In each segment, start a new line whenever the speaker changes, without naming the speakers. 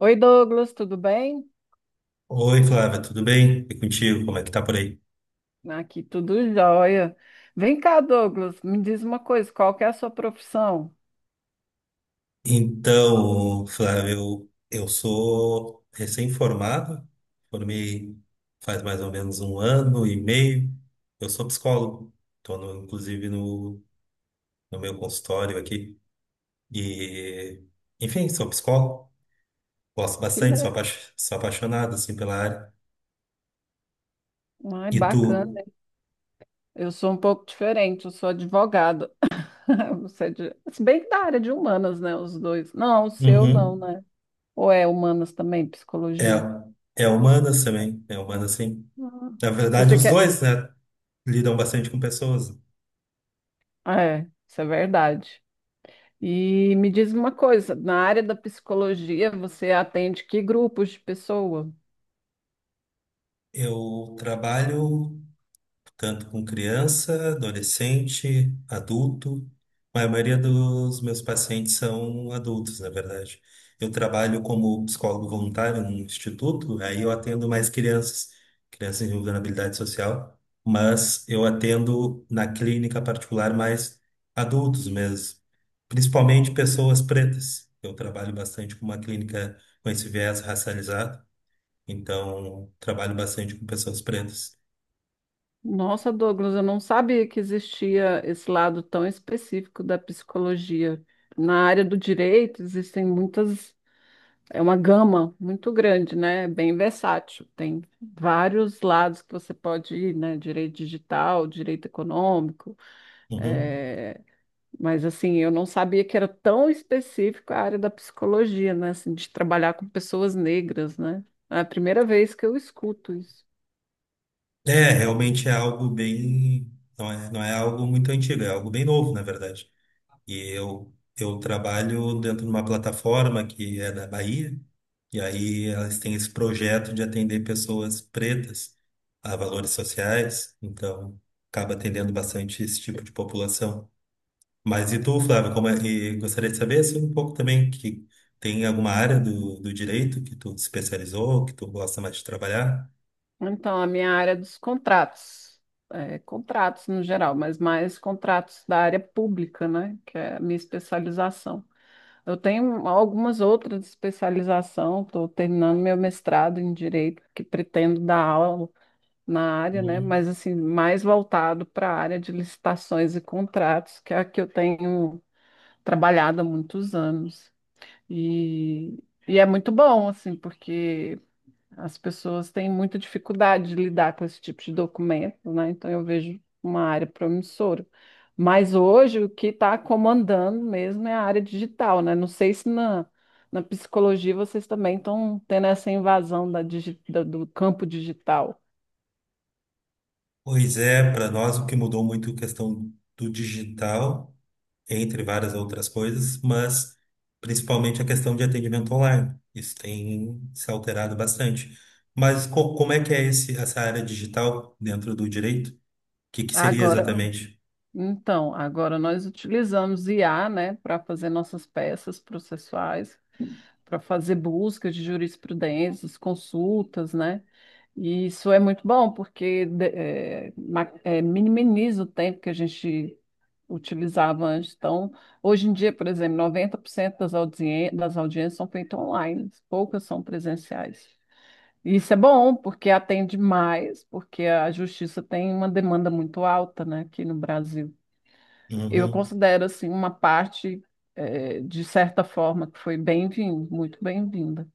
Oi, Douglas, tudo bem?
Oi, Flávia, tudo bem? E contigo, como é que tá por aí?
Aqui tudo jóia. Vem cá, Douglas, me diz uma coisa, qual que é a sua profissão?
Então, Flávia, eu sou recém-formado, formei faz mais ou menos um ano e meio. Eu sou psicólogo, estou inclusive no meu consultório aqui. E, enfim, sou psicólogo, gosto
Que
bastante, sou,
le...
sou apaixonado assim, pela área.
Ai,
E tu?
bacana. Eu sou um pouco diferente, eu sou advogada. Se bem que da área de humanas, né, os dois. Não, o seu não,
Uhum.
né? Ou é humanas também, psicologia?
É, é humanas também, é humanas sim.
Ah,
Na verdade,
pensei
os
que é...
dois, né? Lidam bastante com pessoas.
Ah, é, isso é verdade. E me diz uma coisa, na área da psicologia, você atende que grupos de pessoa?
Eu trabalho tanto com criança, adolescente, adulto. A maioria dos meus pacientes são adultos, na verdade. Eu trabalho como psicólogo voluntário num instituto, aí eu atendo mais crianças, crianças em vulnerabilidade social, mas eu atendo na clínica particular mais adultos mesmo, principalmente pessoas pretas. Eu trabalho bastante com uma clínica com esse viés racializado. Então, trabalho bastante com pessoas pretas.
Nossa, Douglas, eu não sabia que existia esse lado tão específico da psicologia. Na área do direito, existem muitas, é uma gama muito grande, né? É bem versátil. Tem vários lados que você pode ir, né? Direito digital, direito econômico.
Uhum.
eh, Mas, assim, eu não sabia que era tão específico a área da psicologia, né? Assim, de trabalhar com pessoas negras, né? É a primeira vez que eu escuto isso.
É, realmente é algo bem. Não é algo muito antigo, é algo bem novo, na verdade. E eu trabalho dentro de uma plataforma que é da Bahia, e aí elas têm esse projeto de atender pessoas pretas a valores sociais, então acaba atendendo bastante esse tipo de população. Mas e tu, Flávio, como é, e gostaria de saber assim, um pouco também que tem alguma área do direito que tu especializou, que tu gosta mais de trabalhar?
Então, a minha área é dos contratos, é, contratos no geral, mas mais contratos da área pública, né, que é a minha especialização. Eu tenho algumas outras especializações, estou terminando meu mestrado em Direito, que pretendo dar aula na área, né,
Hum.
mas assim, mais voltado para a área de licitações e contratos, que é a que eu tenho trabalhado há muitos anos. E, e é muito bom, assim, porque as pessoas têm muita dificuldade de lidar com esse tipo de documento, né? Então eu vejo uma área promissora. Mas hoje o que está comandando mesmo é a área digital, né? Não sei se na, na psicologia vocês também estão tendo essa invasão da digi- da- do campo digital.
Pois é, para nós o que mudou muito é a questão do digital, entre várias outras coisas, mas principalmente a questão de atendimento online. Isso tem se alterado bastante. Mas como é que é esse, essa área digital dentro do direito? O que que seria
Agora,
exatamente?
então, agora nós utilizamos IA, né, para fazer nossas peças processuais, para fazer buscas de jurisprudências, consultas, né? E isso é muito bom, porque minimiza o tempo que a gente utilizava antes. Então, hoje em dia, por exemplo, 90% das audiências são feitas online, poucas são presenciais. E isso é bom, porque atende mais, porque a justiça tem uma demanda muito alta, né, aqui no Brasil. Eu
Uhum.
considero, assim, uma parte, de certa forma, que foi bem-vinda, muito bem-vinda.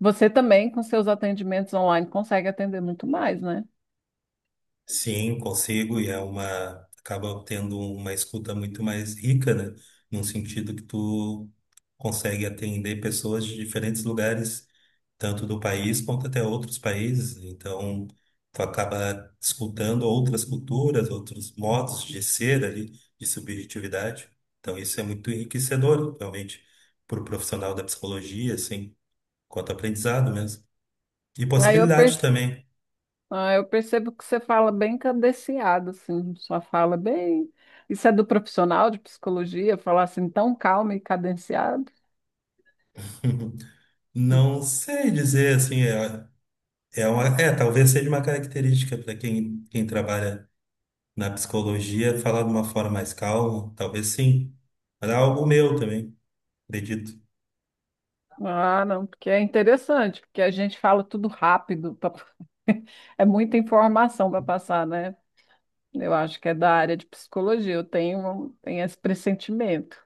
Você também, com seus atendimentos online, consegue atender muito mais, né?
Sim, consigo, e é uma, acaba tendo uma escuta muito mais rica, né? Num sentido que tu consegue atender pessoas de diferentes lugares, tanto do país quanto até outros países. Então, tu acaba escutando outras culturas, outros modos de ser ali, de subjetividade. Então, isso é muito enriquecedor, realmente, para o profissional da psicologia, assim, quanto aprendizado mesmo. E
Aí eu, per-
possibilidade também.
ah, eu percebo que você fala bem cadenciado, assim, sua fala bem. Isso é do profissional de psicologia, falar assim tão calmo e cadenciado? Hum.
Não sei dizer assim, é, é uma, é, talvez seja uma característica para quem, quem trabalha na psicologia falar de uma forma mais calma, talvez sim. Mas é algo meu também, acredito.
Ah, não, porque é interessante, porque a gente fala tudo rápido, é muita informação para passar, né? Eu acho que é da área de psicologia, eu tenho esse pressentimento.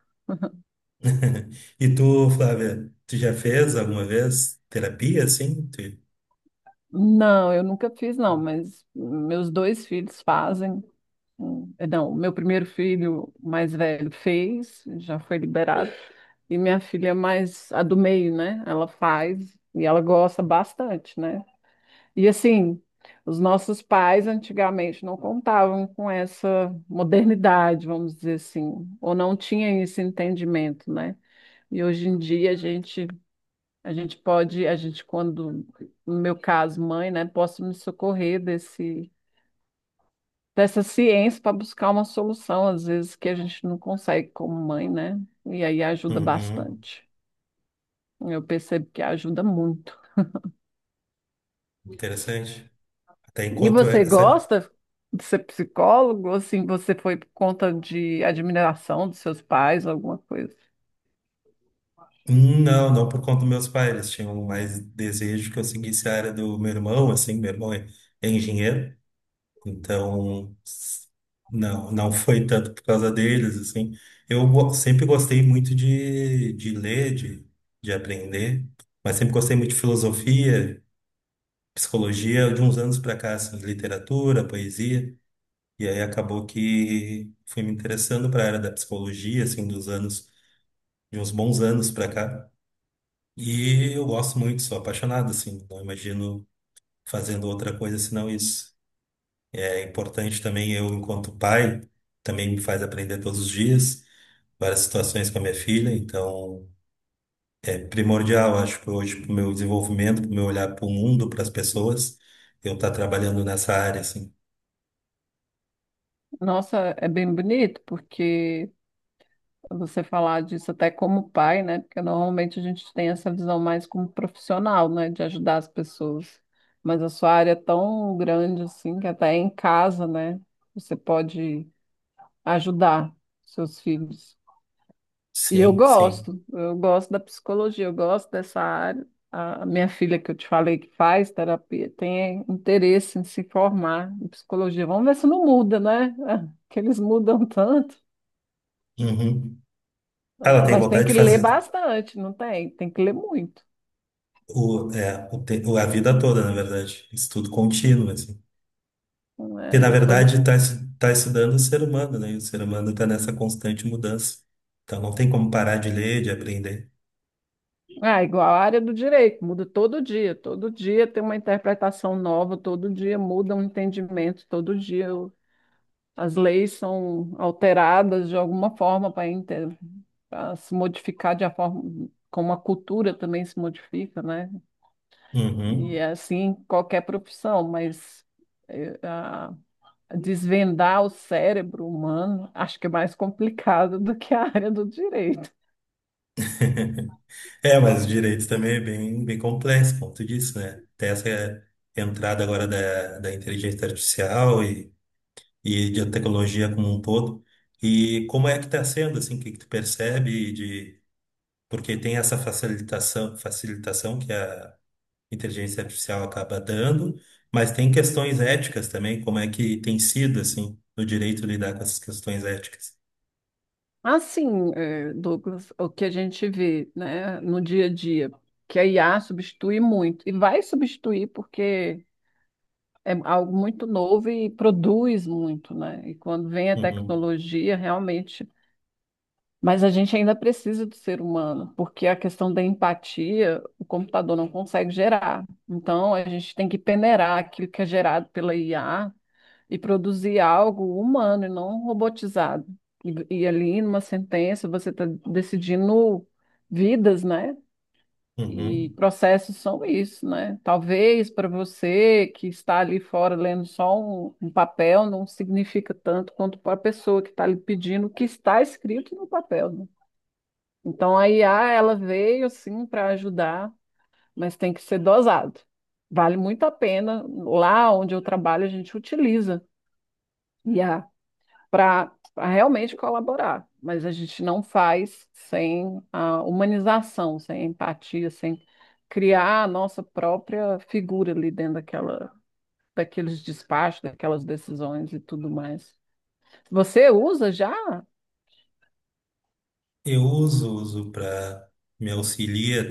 E tu, Flávia, tu já fez alguma vez terapia assim? Tu-
Não, eu nunca fiz, não, mas meus dois filhos fazem. Não, meu primeiro filho mais velho fez, já foi liberado. E minha filha é mais, a do meio, né? Ela faz e ela gosta bastante, né? E assim, os nossos pais antigamente não contavam com essa modernidade, vamos dizer assim, ou não tinham esse entendimento, né? E hoje em dia a gente pode, a gente quando, no meu caso, mãe, né, posso me socorrer desse dessa ciência para buscar uma solução, às vezes, que a gente não consegue como mãe, né? E aí ajuda
Uhum,
bastante. Eu percebo que ajuda muito.
interessante. Até
E
enquanto é,
você
essa.
gosta de ser psicólogo? Assim, você foi por conta de admiração dos seus pais, alguma coisa?
Não, não por conta dos meus pais. Eles tinham mais desejo que eu seguisse a área do meu irmão, assim. Meu irmão é engenheiro. Então, s- não, não foi tanto por causa deles, assim. Eu go- sempre gostei muito de ler, de aprender, mas sempre gostei muito de filosofia, psicologia, de uns anos para cá, assim, literatura, poesia, e aí acabou que fui me interessando para a área da psicologia, assim, dos anos, de uns bons anos para cá. E eu gosto muito, sou apaixonado, assim, não imagino fazendo outra coisa senão isso. É importante também eu, enquanto pai, também me faz aprender todos os dias várias situações com a minha filha, então é primordial, acho que hoje para o meu desenvolvimento, para o meu olhar para o mundo, para as pessoas, eu estar trabalhando nessa área, assim.
Nossa, é bem bonito, porque você falar disso até como pai, né? Porque normalmente a gente tem essa visão mais como profissional, né? De ajudar as pessoas. Mas a sua área é tão grande assim que até em casa, né? Você pode ajudar seus filhos. E
Sim, sim.
eu gosto da psicologia, eu gosto dessa área. A minha filha que eu te falei que faz terapia tem interesse em se formar em psicologia. Vamos ver se não muda, né? Que eles mudam tanto.
Uhum. Ah,
É,
ela tem
mas tem
vontade
que
de
ler
fazer
bastante, não tem? Tem que ler muito.
o, é, o, te- a vida toda, na verdade, estudo contínuo, assim.
Não
Porque, na
é todo...
verdade, está tá estudando o ser humano, né? E o ser humano está nessa constante mudança. Então, não tem como parar de ler, de aprender.
Ah, igual a área do direito, muda todo dia. Todo dia tem uma interpretação nova, todo dia muda um entendimento, todo dia as leis são alteradas de alguma forma para se modificar de a forma como a cultura também se modifica, né? E
Uhum.
é assim em qualquer profissão, mas desvendar o cérebro humano, acho que é mais complicado do que a área do direito.
É, mas o direito também é bem, bem complexo, por conta disso, né? Tem essa entrada agora da inteligência artificial e de tecnologia como um todo. E como é que está sendo, assim, o que, que tu percebe de... Porque tem essa facilitação, facilitação que a inteligência artificial acaba dando, mas tem questões éticas também, como é que tem sido, assim, no direito lidar com essas questões éticas.
Assim, Douglas, o que a gente vê, né, no dia a dia, que a IA substitui muito, e vai substituir porque é algo muito novo e produz muito, né? E quando vem a
Uhum,
tecnologia, realmente. Mas a gente ainda precisa do ser humano, porque a questão da empatia, o computador não consegue gerar. Então, a gente tem que peneirar aquilo que é gerado pela IA e produzir algo humano e não robotizado. E ali, numa sentença, você está decidindo vidas, né? E
uhum.
processos são isso, né? Talvez para você que está ali fora lendo só um papel, não significa tanto quanto para a pessoa que está ali pedindo o que está escrito no papel, né? Então a IA, ela veio assim para ajudar, mas tem que ser dosado. Vale muito a pena. Lá onde eu trabalho, a gente utiliza IA para realmente colaborar, mas a gente não faz sem a humanização, sem empatia, sem criar a nossa própria figura ali dentro daquela, daqueles despachos, daquelas decisões e tudo mais. Você usa já?
Eu uso, uso para me auxiliar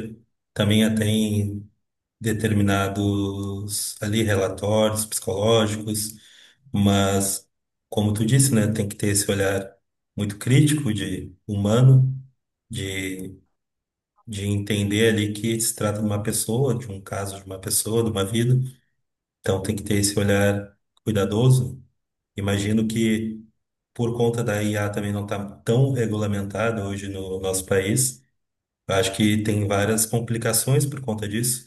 também até em determinados ali relatórios psicológicos, mas como tu disse, né, tem que ter esse olhar muito crítico de humano, de, de entender ali que se trata de uma pessoa, de um caso de uma pessoa, de uma vida, então tem que ter esse olhar cuidadoso. Imagino que por conta da IA também não está tão regulamentada hoje no nosso país, eu acho que tem várias complicações por conta disso,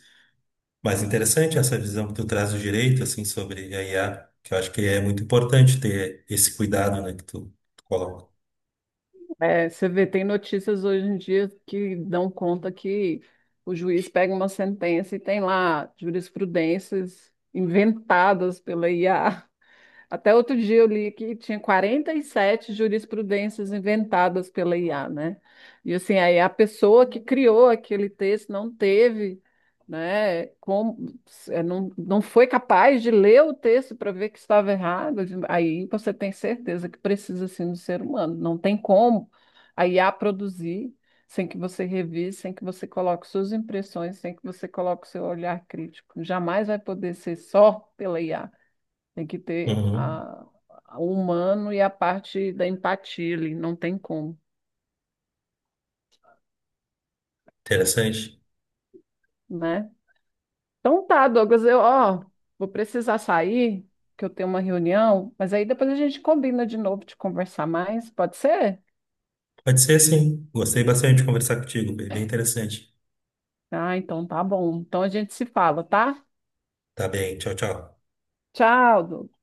mas interessante essa visão que tu traz do direito, assim, sobre a IA, que eu acho que é muito importante ter esse cuidado, né, que tu coloca.
É, você vê, tem notícias hoje em dia que dão conta que o juiz pega uma sentença e tem lá jurisprudências inventadas pela IA. Até outro dia eu li que tinha 47 jurisprudências inventadas pela IA, né? E assim, aí a pessoa que criou aquele texto não teve, né, como, não foi capaz de ler o texto para ver que estava errado. Aí você tem certeza que precisa assim do ser humano. Não tem como a IA produzir sem que você revise, sem que você coloque suas impressões, sem que você coloque o seu olhar crítico. Jamais vai poder ser só pela IA. Tem que ter
Uhum.
a, o humano e a parte da empatia ali, não tem como,
Interessante.
né? Então tá, Douglas, eu, ó, vou precisar sair, que eu tenho uma reunião, mas aí depois a gente combina de novo de conversar mais, pode ser?
Pode ser, sim. Gostei bastante de conversar contigo, bem bem interessante.
Ah, então tá bom. Então a gente se fala, tá?
Tá bem, tchau, tchau.
Tchau, Douglas.